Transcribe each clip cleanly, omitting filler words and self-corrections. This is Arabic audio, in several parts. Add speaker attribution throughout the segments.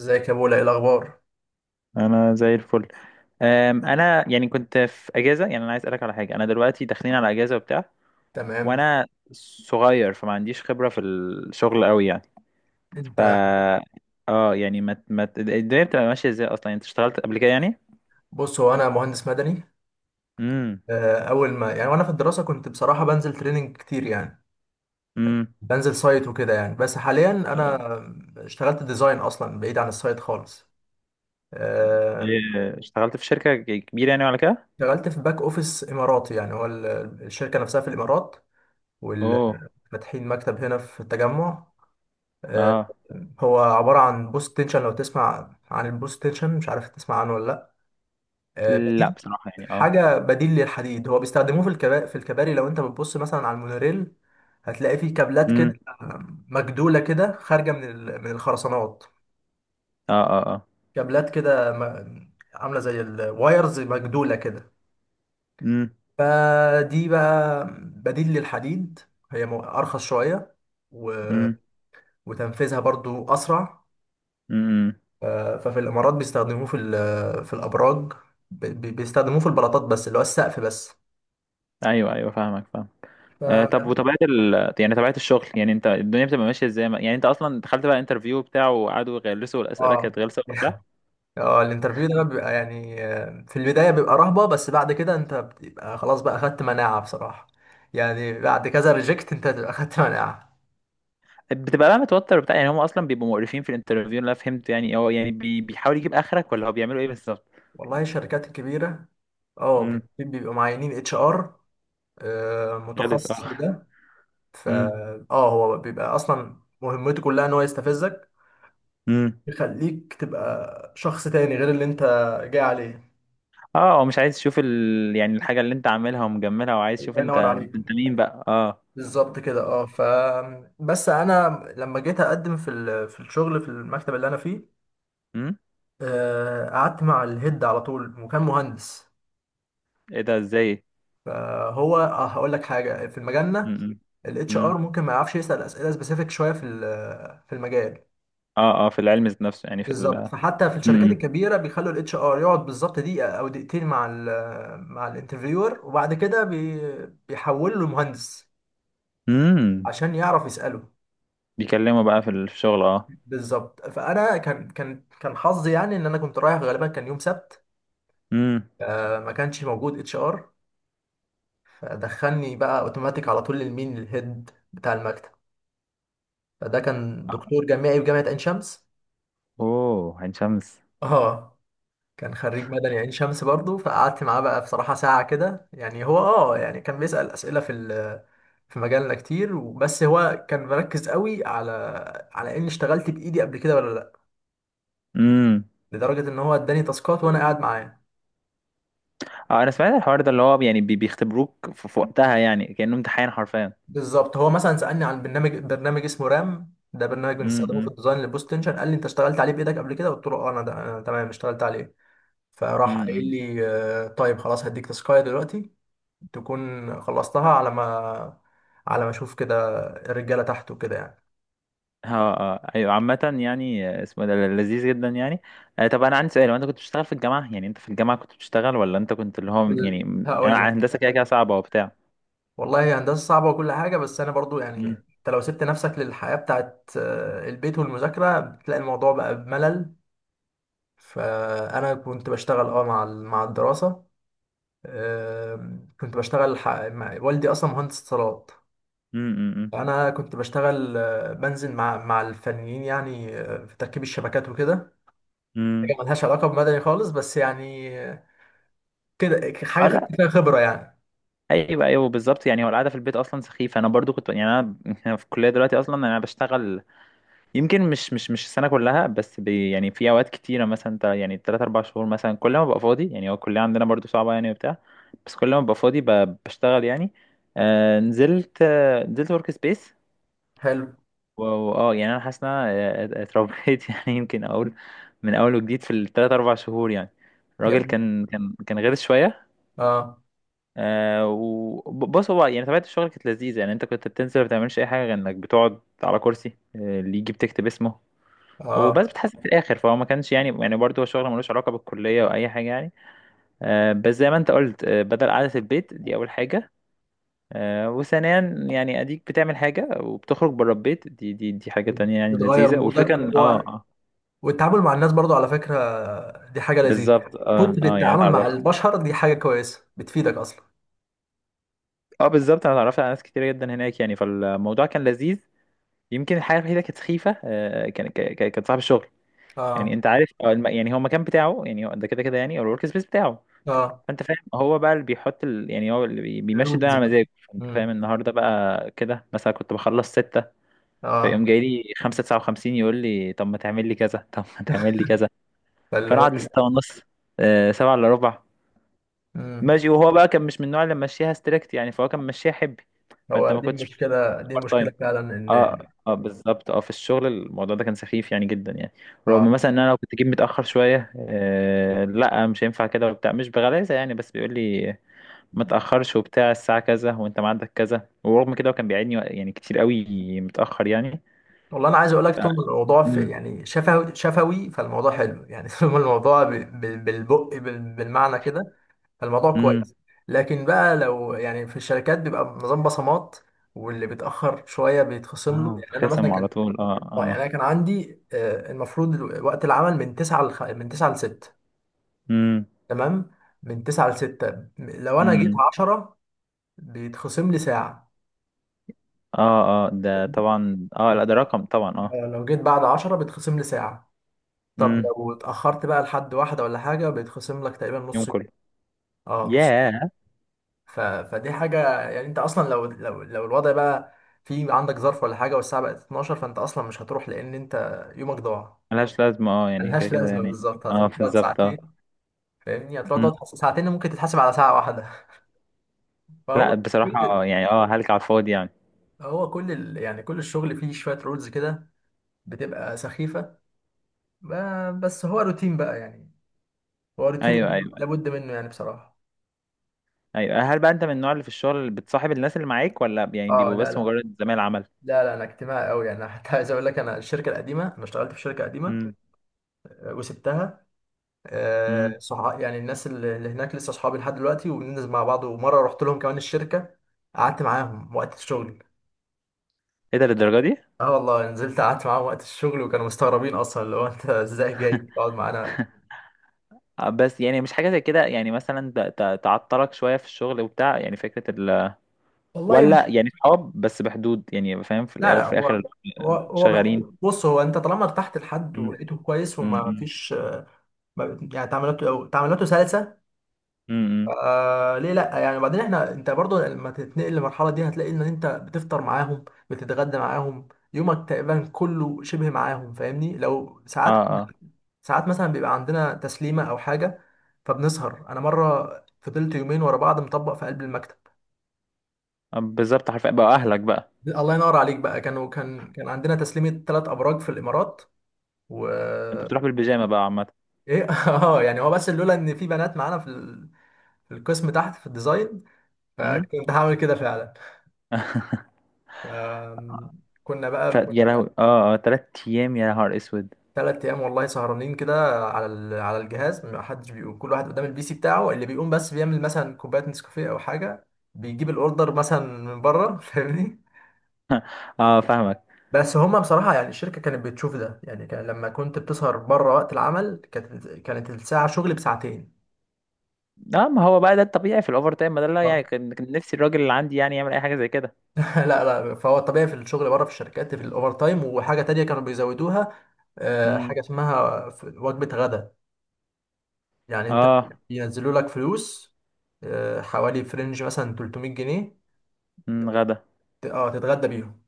Speaker 1: ازيك يا بولا؟ ايه الاخبار؟
Speaker 2: انا زي الفل. انا يعني كنت في اجازه، يعني انا عايز اسالك على حاجه، انا دلوقتي داخلين على اجازه وبتاع،
Speaker 1: تمام.
Speaker 2: وانا صغير فما عنديش خبره في الشغل قوي يعني.
Speaker 1: انت
Speaker 2: ف اه يعني ما الدنيا بتبقى ماشيه ازاي اصلا؟ يعني انت اشتغلت قبل كده يعني؟
Speaker 1: بص، هو انا مهندس مدني.
Speaker 2: امم.
Speaker 1: اول ما يعني وانا في الدراسه كنت بصراحه بنزل تريننج كتير يعني،
Speaker 2: امم.
Speaker 1: بنزل سايت وكده يعني. بس حاليا انا اشتغلت ديزاين اصلا بعيد عن السايت خالص. آه،
Speaker 2: إيه، اشتغلت في شركه كبيره يعني ولا كده؟
Speaker 1: اشتغلت في باك اوفيس اماراتي، يعني هو الشركه نفسها في الامارات
Speaker 2: اوه.
Speaker 1: وفاتحين مكتب هنا في التجمع. آه،
Speaker 2: اه.
Speaker 1: هو عباره عن بوست تنشن. لو تسمع عن البوست تنشن، مش عارف تسمع عنه ولا؟
Speaker 2: لا
Speaker 1: بديل،
Speaker 2: بصراحه يعني، اه.
Speaker 1: حاجه بديل للحديد. هو بيستخدموه في الكباري. لو انت بتبص مثلا على المونوريل هتلاقي فيه كابلات كده،
Speaker 2: امم.
Speaker 1: مجدوله كده، خارجه من من الخرسانات.
Speaker 2: اه اه اه.
Speaker 1: كابلات كده عامله زي الوايرز، مجدوله كده.
Speaker 2: امم.
Speaker 1: فدي بقى بديل للحديد. هي ارخص شويه و-
Speaker 2: امم.
Speaker 1: وتنفيذها برضو اسرع.
Speaker 2: امم.
Speaker 1: ف- ففي الامارات بيستخدموه في في الابراج. بيستخدموه في البلاطات، بس اللي هو السقف بس.
Speaker 2: ايوه ايوه فاهمك، فاهم.
Speaker 1: ف
Speaker 2: آه، طب وطبيعة يعني طبيعة الشغل، يعني انت الدنيا بتبقى ماشية ازاي؟ يعني انت اصلا دخلت بقى انترفيو بتاعه وقعدوا يغلسوا؟ الاسئلة
Speaker 1: اه
Speaker 2: كانت غلسة وبتاع؟
Speaker 1: اه، الانترفيو ده بقى بيبقى يعني، في البداية بيبقى رهبة، بس بعد كده انت بتبقى خلاص بقى اخدت مناعة بصراحة. يعني بعد كذا ريجكت انت بتبقى اخدت مناعة.
Speaker 2: بتبقى بقى متوتر وبتاع يعني، هم اصلا بيبقوا مقرفين في الانترفيو؟ اللي انا فهمت يعني هو يعني بيحاول يجيب اخرك، ولا هو بيعملوا ايه بالظبط؟
Speaker 1: والله الشركات الكبيرة اه
Speaker 2: امم.
Speaker 1: بيبقوا معينين اتش ار،
Speaker 2: غلس، اه.
Speaker 1: متخصص لده.
Speaker 2: امم.
Speaker 1: فا هو بيبقى اصلا مهمته كلها ان هو يستفزك،
Speaker 2: امم.
Speaker 1: يخليك تبقى شخص تاني غير اللي انت جاي عليه.
Speaker 2: اه، هو مش عايز يشوف يعني الحاجة اللي انت عاملها ومجملها، وعايز يشوف
Speaker 1: الله
Speaker 2: انت،
Speaker 1: ينور عليك.
Speaker 2: انت مين بقى؟ اه.
Speaker 1: بالظبط كده. اه. ف بس انا لما جيت اقدم في في الشغل في المكتب اللي انا فيه،
Speaker 2: امم.
Speaker 1: قعدت مع الهيد على طول، وكان مهندس.
Speaker 2: ايه ده؟ ازاي؟
Speaker 1: فهو، هقول لك حاجه في مجالنا:
Speaker 2: امم.
Speaker 1: الاتش
Speaker 2: امم.
Speaker 1: ار ممكن ما يعرفش يسال اسئله سبيسيفيك شويه في في المجال.
Speaker 2: اه اه، في العلم ذات نفسه يعني، في
Speaker 1: بالظبط. فحتى في الشركات
Speaker 2: امم.
Speaker 1: الكبيره بيخلوا الاتش ار يقعد بالظبط دقيقه او دقيقتين مع ال مع الانترفيور، وبعد كده بيحول له مهندس
Speaker 2: امم.
Speaker 1: عشان يعرف يساله.
Speaker 2: بيكلموا بقى في الشغل، اه.
Speaker 1: بالظبط. فانا كان حظي يعني ان انا كنت رايح غالبا كان يوم سبت،
Speaker 2: امم.
Speaker 1: ما كانش موجود اتش ار. دخلني بقى اوتوماتيك على طول للمين الهيد بتاع المكتب. فده كان دكتور جامعي في جامعة عين شمس.
Speaker 2: اوه، عين شمس.
Speaker 1: اه، كان خريج مدني عين شمس برضو. فقعدت معاه بقى بصراحة ساعة كده. يعني هو اه يعني كان بيسأل أسئلة في في مجالنا كتير، بس هو كان مركز قوي على على اني اشتغلت بايدي قبل كده ولا لا،
Speaker 2: امم.
Speaker 1: لدرجة ان هو اداني تاسكات وانا قاعد معاه.
Speaker 2: اه، انا سمعت الحوار ده اللي هو يعني بيختبروك في وقتها، يعني كأنه امتحان حرفيا.
Speaker 1: بالظبط. هو مثلا سألني عن برنامج اسمه رام، ده برنامج بنستخدمه في
Speaker 2: امم.
Speaker 1: الديزاين للبوست تنشن. قال لي انت اشتغلت عليه بايدك قبل كده؟ قلت له اه انا ده انا تمام اشتغلت عليه. فراح قايل
Speaker 2: امم.
Speaker 1: لي، طيب خلاص هديك تسكاية دلوقتي تكون خلصتها على ما على ما اشوف كده الرجاله تحت وكده يعني.
Speaker 2: اه اه. ايوه عامة يعني، آه، اسمه ده لذيذ جدا يعني. آه، طب انا عندي سؤال، وانت كنت بتشتغل في الجامعة؟ يعني انت في الجامعة كنت بتشتغل، ولا انت كنت اللي هو يعني
Speaker 1: هقول
Speaker 2: يعني
Speaker 1: لك،
Speaker 2: هندسة كده كده صعبة وبتاع؟
Speaker 1: والله هي هندسه صعبه وكل حاجه، بس انا برضو يعني
Speaker 2: امم.
Speaker 1: انت لو سبت نفسك للحياه بتاعت البيت والمذاكره بتلاقي الموضوع بقى بملل. فانا كنت بشتغل اه مع مع الدراسه. كنت بشتغل مع والدي، اصلا مهندس اتصالات.
Speaker 2: امم.
Speaker 1: فانا كنت بشتغل، بنزل مع الفنيين يعني، في تركيب الشبكات وكده.
Speaker 2: امم.
Speaker 1: حاجه ملهاش علاقه بمدني خالص، بس يعني كده حاجه
Speaker 2: اه، لا.
Speaker 1: خدت فيها خبره يعني.
Speaker 2: ايوه ايوه بالظبط، يعني هو القعده في البيت اصلا سخيفه، انا برضو كنت يعني، انا في الكليه دلوقتي اصلا انا بشتغل. يمكن مش السنة كلها، بس يعني في أوقات كتيرة، مثلا يعني تلات أربع شهور مثلا، كل ما ببقى فاضي يعني، هو الكلية عندنا برضو صعبة يعني وبتاع. بس كل ما ببقى فاضي بشتغل يعني. آه، نزلت ورك سبيس.
Speaker 1: حلو،
Speaker 2: واه يعني أنا حاسس إن أنا، آه، اتربيت يعني يمكن أقول من أول وجديد في التلات أربع شهور يعني، الراجل
Speaker 1: جميل.
Speaker 2: كان غير شوية.
Speaker 1: اه
Speaker 2: آه وبص، هو يعني طبيعة الشغل كانت لذيذة يعني، أنت كنت بتنزل ما بتعملش أي حاجة، غير إنك بتقعد على كرسي، آه، اللي يجي بتكتب اسمه وبس،
Speaker 1: اه،
Speaker 2: بتحاسب في الاخر، فهو ما كانش يعني، يعني برضه هو شغل ملوش علاقه بالكليه او اي حاجه يعني. آه بس زي ما انت قلت، آه بدل قعده البيت دي اول حاجه، آه وثانيا يعني اديك بتعمل حاجه وبتخرج بره البيت، دي حاجه تانية يعني
Speaker 1: بتغير
Speaker 2: لذيذه، والفكره
Speaker 1: مودك
Speaker 2: ان
Speaker 1: و...
Speaker 2: اه اه.
Speaker 1: والتعامل مع الناس برضو على فكره دي حاجه لذيذه.
Speaker 2: بالظبط اه
Speaker 1: كتر
Speaker 2: اه، يعني
Speaker 1: التعامل مع
Speaker 2: اتعرفت.
Speaker 1: البشر دي حاجه كويسه بتفيدك اصلا.
Speaker 2: اه بالظبط، انا اتعرفت على ناس كتير جدا هناك يعني، فالموضوع كان لذيذ. يمكن الحاجه الوحيده كانت سخيفه، آه، كان كانت صاحب الشغل، يعني
Speaker 1: اه
Speaker 2: انت عارف، آه، يعني هو المكان بتاعه، يعني هو ده كده كده يعني، او الورك سبيس بتاعه.
Speaker 1: اه.
Speaker 2: فانت فاهم، هو بقى اللي بيحط يعني هو اللي بيمشي الدنيا
Speaker 1: الرولز
Speaker 2: على
Speaker 1: بقى.
Speaker 2: مزاجه، فانت فاهم،
Speaker 1: امم.
Speaker 2: النهارده بقى كده مثلا كنت بخلص 6،
Speaker 1: اه.
Speaker 2: فيقوم جاي لي 5:59 يقول لي طب ما تعمل لي كذا، طب ما تعمل لي كذا،
Speaker 1: فاللي
Speaker 2: فانا
Speaker 1: هو
Speaker 2: اقعد لستة ونص، آه، 6:45،
Speaker 1: امم.
Speaker 2: ماشي. وهو بقى كان مش من النوع اللي ماشيها ستريكت يعني، فهو كان ماشيها حبي، فانت
Speaker 1: هو
Speaker 2: ما
Speaker 1: دي
Speaker 2: كنتش
Speaker 1: المشكله، دي
Speaker 2: بارت
Speaker 1: المشكله
Speaker 2: تايم.
Speaker 1: فعلا ان
Speaker 2: اه اه بالظبط، اه، في الشغل الموضوع ده كان سخيف يعني جدا يعني،
Speaker 1: اه.
Speaker 2: رغم مثلا ان انا لو كنت جيت متاخر شويه، آه لا مش هينفع كده وبتاع، مش بغلاسه يعني، بس بيقول لي ما تاخرش وبتاع الساعه كذا وانت ميعادك كذا، ورغم كده هو كان بيعيدني يعني كتير قوي متاخر يعني.
Speaker 1: والله انا عايز اقول
Speaker 2: ف
Speaker 1: لك، طول ما الموضوع في
Speaker 2: امم.
Speaker 1: يعني شفوي شفوي فالموضوع حلو يعني طول ما الموضوع بالبق بالمعنى كده فالموضوع كويس.
Speaker 2: امم.
Speaker 1: لكن بقى لو يعني في الشركات بيبقى نظام بصمات، واللي بيتاخر شويه بيتخصم له.
Speaker 2: اه،
Speaker 1: يعني انا مثلا
Speaker 2: خصم على
Speaker 1: كان
Speaker 2: طول، اه اه.
Speaker 1: يعني انا كان عندي، المفروض وقت العمل من 9 من 9 ل 6.
Speaker 2: امم.
Speaker 1: تمام. من 9 ل 6، لو انا جيت
Speaker 2: امم.
Speaker 1: 10 بيتخصم لي ساعه.
Speaker 2: اه اه ده طبعا، اه لا ده رقم طبعا، اه.
Speaker 1: لو جيت بعد 10 بيتخصم لي ساعه. طب
Speaker 2: امم.
Speaker 1: لو اتأخرت بقى لحد واحدة ولا حاجة بيتخصم لك تقريبا
Speaker 2: يوم
Speaker 1: نص يوم.
Speaker 2: كله.
Speaker 1: اه نص يوم.
Speaker 2: ياه.
Speaker 1: ف... فدي حاجة يعني انت اصلا لو الوضع بقى في عندك ظرف ولا حاجة والساعة بقت 12، فانت اصلا مش هتروح، لان انت يومك ضاع.
Speaker 2: ملهاش لازمه اه، يعني كده
Speaker 1: ملهاش
Speaker 2: كده
Speaker 1: لازمة
Speaker 2: يعني.
Speaker 1: بالظبط،
Speaker 2: اه
Speaker 1: هتروح تقعد
Speaker 2: بالظبط اه.
Speaker 1: ساعتين. فاهمني، هتروح
Speaker 2: مم.
Speaker 1: تقعد ساعتين ممكن تتحاسب على ساعة واحدة. فهو
Speaker 2: لا بصراحه، آه،
Speaker 1: كل،
Speaker 2: يعني اه، هلك على الفاضي يعني.
Speaker 1: هو كل يعني كل الشغل فيه شوية رولز كده بتبقى سخيفة. بس هو روتين بقى يعني، هو روتين
Speaker 2: ايوه ايوه
Speaker 1: لابد منه يعني بصراحة.
Speaker 2: ايوه، هل بقى انت من النوع اللي في الشغل اللي بتصاحب الناس اللي معاك، ولا يعني
Speaker 1: اه
Speaker 2: بيبقوا
Speaker 1: لا
Speaker 2: بس
Speaker 1: لا.
Speaker 2: مجرد زمايل عمل؟
Speaker 1: لا لا، انا اجتماعي قوي يعني. حتى عايز اقول لك، انا الشركه القديمه، انا اشتغلت في شركه قديمه
Speaker 2: امم.
Speaker 1: وسبتها،
Speaker 2: امم.
Speaker 1: صح، يعني الناس اللي هناك لسه اصحابي لحد دلوقتي، وبننزل مع بعض، ومره رحت لهم كمان الشركه، قعدت معاهم وقت الشغل.
Speaker 2: ايه ده؟ للدرجه دي؟
Speaker 1: اه والله، نزلت قعدت معاهم وقت الشغل، وكانوا مستغربين اصلا، اللي هو انت ازاي جاي تقعد معانا.
Speaker 2: آه، بس يعني مش حاجة زي كده، يعني مثلا تعطلك شوية في الشغل وبتاع، يعني فكرة
Speaker 1: والله
Speaker 2: ولا
Speaker 1: مش،
Speaker 2: يعني صحاب بس بحدود يعني، فاهم، في
Speaker 1: لا
Speaker 2: الأول
Speaker 1: لا،
Speaker 2: وفي الآخر.
Speaker 1: هو بحب،
Speaker 2: شغالين.
Speaker 1: بص، هو انت طالما ارتحت لحد
Speaker 2: مم.
Speaker 1: ولقيته كويس وما
Speaker 2: مم.
Speaker 1: فيش يعني تعاملاته سلسه،
Speaker 2: مم. مم.
Speaker 1: آه ليه لا؟ يعني بعدين احنا، انت برضو لما تتنقل للمرحله دي هتلاقي ان انت بتفطر معاهم بتتغدى معاهم، يومك تقريبا كله شبه معاهم. فاهمني، لو
Speaker 2: اه اه.
Speaker 1: ساعات مثلا بيبقى عندنا تسليمه او حاجه فبنسهر. انا مره فضلت يومين ورا بعض مطبق في قلب المكتب.
Speaker 2: آه بالظبط، حرفيا بقى أهلك بقى.
Speaker 1: الله ينور عليك بقى. كانوا كان عندنا تسليمه 3 ابراج في الامارات و...
Speaker 2: أنت بتروح بالبيجامة بقى عامة.
Speaker 1: ايه اه يعني، هو بس لولا ان في بنات معانا في في القسم تحت في الديزاين
Speaker 2: مم؟
Speaker 1: فكنت هعمل كده فعلا. كنا بقى
Speaker 2: يا لهوي، اه اه، تلات أيام، يا نهار أسود.
Speaker 1: 3 ايام والله سهرانين كده على على الجهاز، ما حدش بيقوم. كل واحد قدام البي سي بتاعه، اللي بيقوم بس بيعمل مثلا كوبايه نسكافيه او حاجه، بيجيب الاوردر مثلا من بره. فاهمني؟
Speaker 2: اه، فاهمك.
Speaker 1: بس هما بصراحه يعني الشركه كانت بتشوف ده يعني. كان لما كنت بتسهر بره وقت العمل كانت الساعه شغل بساعتين.
Speaker 2: اه، ما هو بقى ده الطبيعي في الأوفر تايم، ما ده اللي يعني كان نفسي الراجل اللي عندي يعني يعمل أي حاجة زي كده.
Speaker 1: لا لا، فهو الطبيعي في الشغل بره في الشركات في الاوفر تايم. وحاجه تانية كانوا بيزودوها،
Speaker 2: مم.
Speaker 1: حاجه اسمها وجبه غدا. يعني انت
Speaker 2: اه.
Speaker 1: ينزلوا لك فلوس، حوالي فرنج مثلا 300 جنيه
Speaker 2: مم، غدا.
Speaker 1: تتغدى بيهم.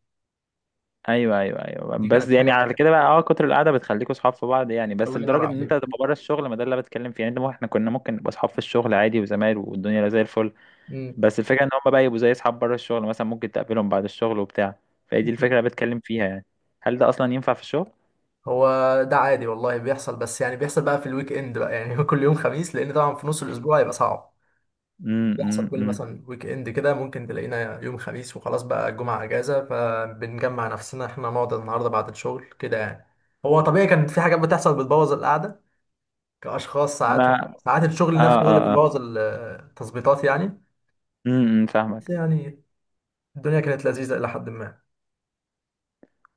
Speaker 2: ايوه ايوه ايوه،
Speaker 1: دي
Speaker 2: بس
Speaker 1: كانت
Speaker 2: يعني
Speaker 1: حاجه.
Speaker 2: على كده بقى، اه، كتر القعده بتخليكوا صحاب في بعض يعني، بس
Speaker 1: الله ينور
Speaker 2: لدرجه ان انت تبقى
Speaker 1: عليك.
Speaker 2: بره الشغل؟ ما ده اللي أنا بتكلم فيه يعني، انت احنا كنا ممكن نبقى صحاب في الشغل عادي وزمايل والدنيا زي الفل.
Speaker 1: امم.
Speaker 2: بس الفكره ان هم بقى يبقوا زي اصحاب بره الشغل، مثلا ممكن تقابلهم بعد الشغل وبتاع، فهي دي الفكره اللي بتكلم فيها يعني، هل ده اصلا ينفع في الشغل؟
Speaker 1: هو ده عادي والله بيحصل، بس يعني بيحصل بقى في الويك اند بقى يعني كل يوم خميس، لان طبعا في نص الاسبوع هيبقى صعب.
Speaker 2: امم. امم.
Speaker 1: بيحصل كل
Speaker 2: إمم.
Speaker 1: مثلا ويك اند كده ممكن تلاقينا يوم خميس، وخلاص بقى الجمعة اجازة، فبنجمع نفسنا احنا نقعد النهارده بعد الشغل كده يعني. هو طبيعي، كان في حاجات بتحصل بتبوظ القعدة كأشخاص ساعاتهم.
Speaker 2: ما
Speaker 1: ساعات
Speaker 2: اه
Speaker 1: الشغل نفسه هو اللي
Speaker 2: اه اه.
Speaker 1: بيبوظ التظبيطات يعني.
Speaker 2: امم. إمم،
Speaker 1: بس
Speaker 2: فاهمك.
Speaker 1: يعني الدنيا كانت لذيذة إلى حد ما.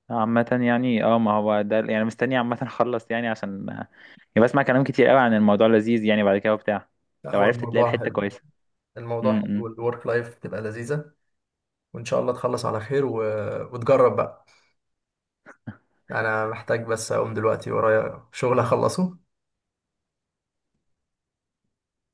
Speaker 2: عامة يعني اه، ما هو ده يعني مستني عامة اخلص يعني عشان، يعني بسمع كلام كتير قوي عن الموضوع لذيذ يعني بعد كده وبتاع.
Speaker 1: لا،
Speaker 2: لو
Speaker 1: هو
Speaker 2: عرفت تلاقي
Speaker 1: الموضوع
Speaker 2: الحتة
Speaker 1: حلو.
Speaker 2: كويسة.
Speaker 1: الموضوع
Speaker 2: امم.
Speaker 1: حلو
Speaker 2: إمم.
Speaker 1: والورك لايف تبقى لذيذة، وإن شاء الله تخلص على خير و... وتجرب بقى. أنا محتاج بس أقوم دلوقتي، ورايا شغل أخلصه.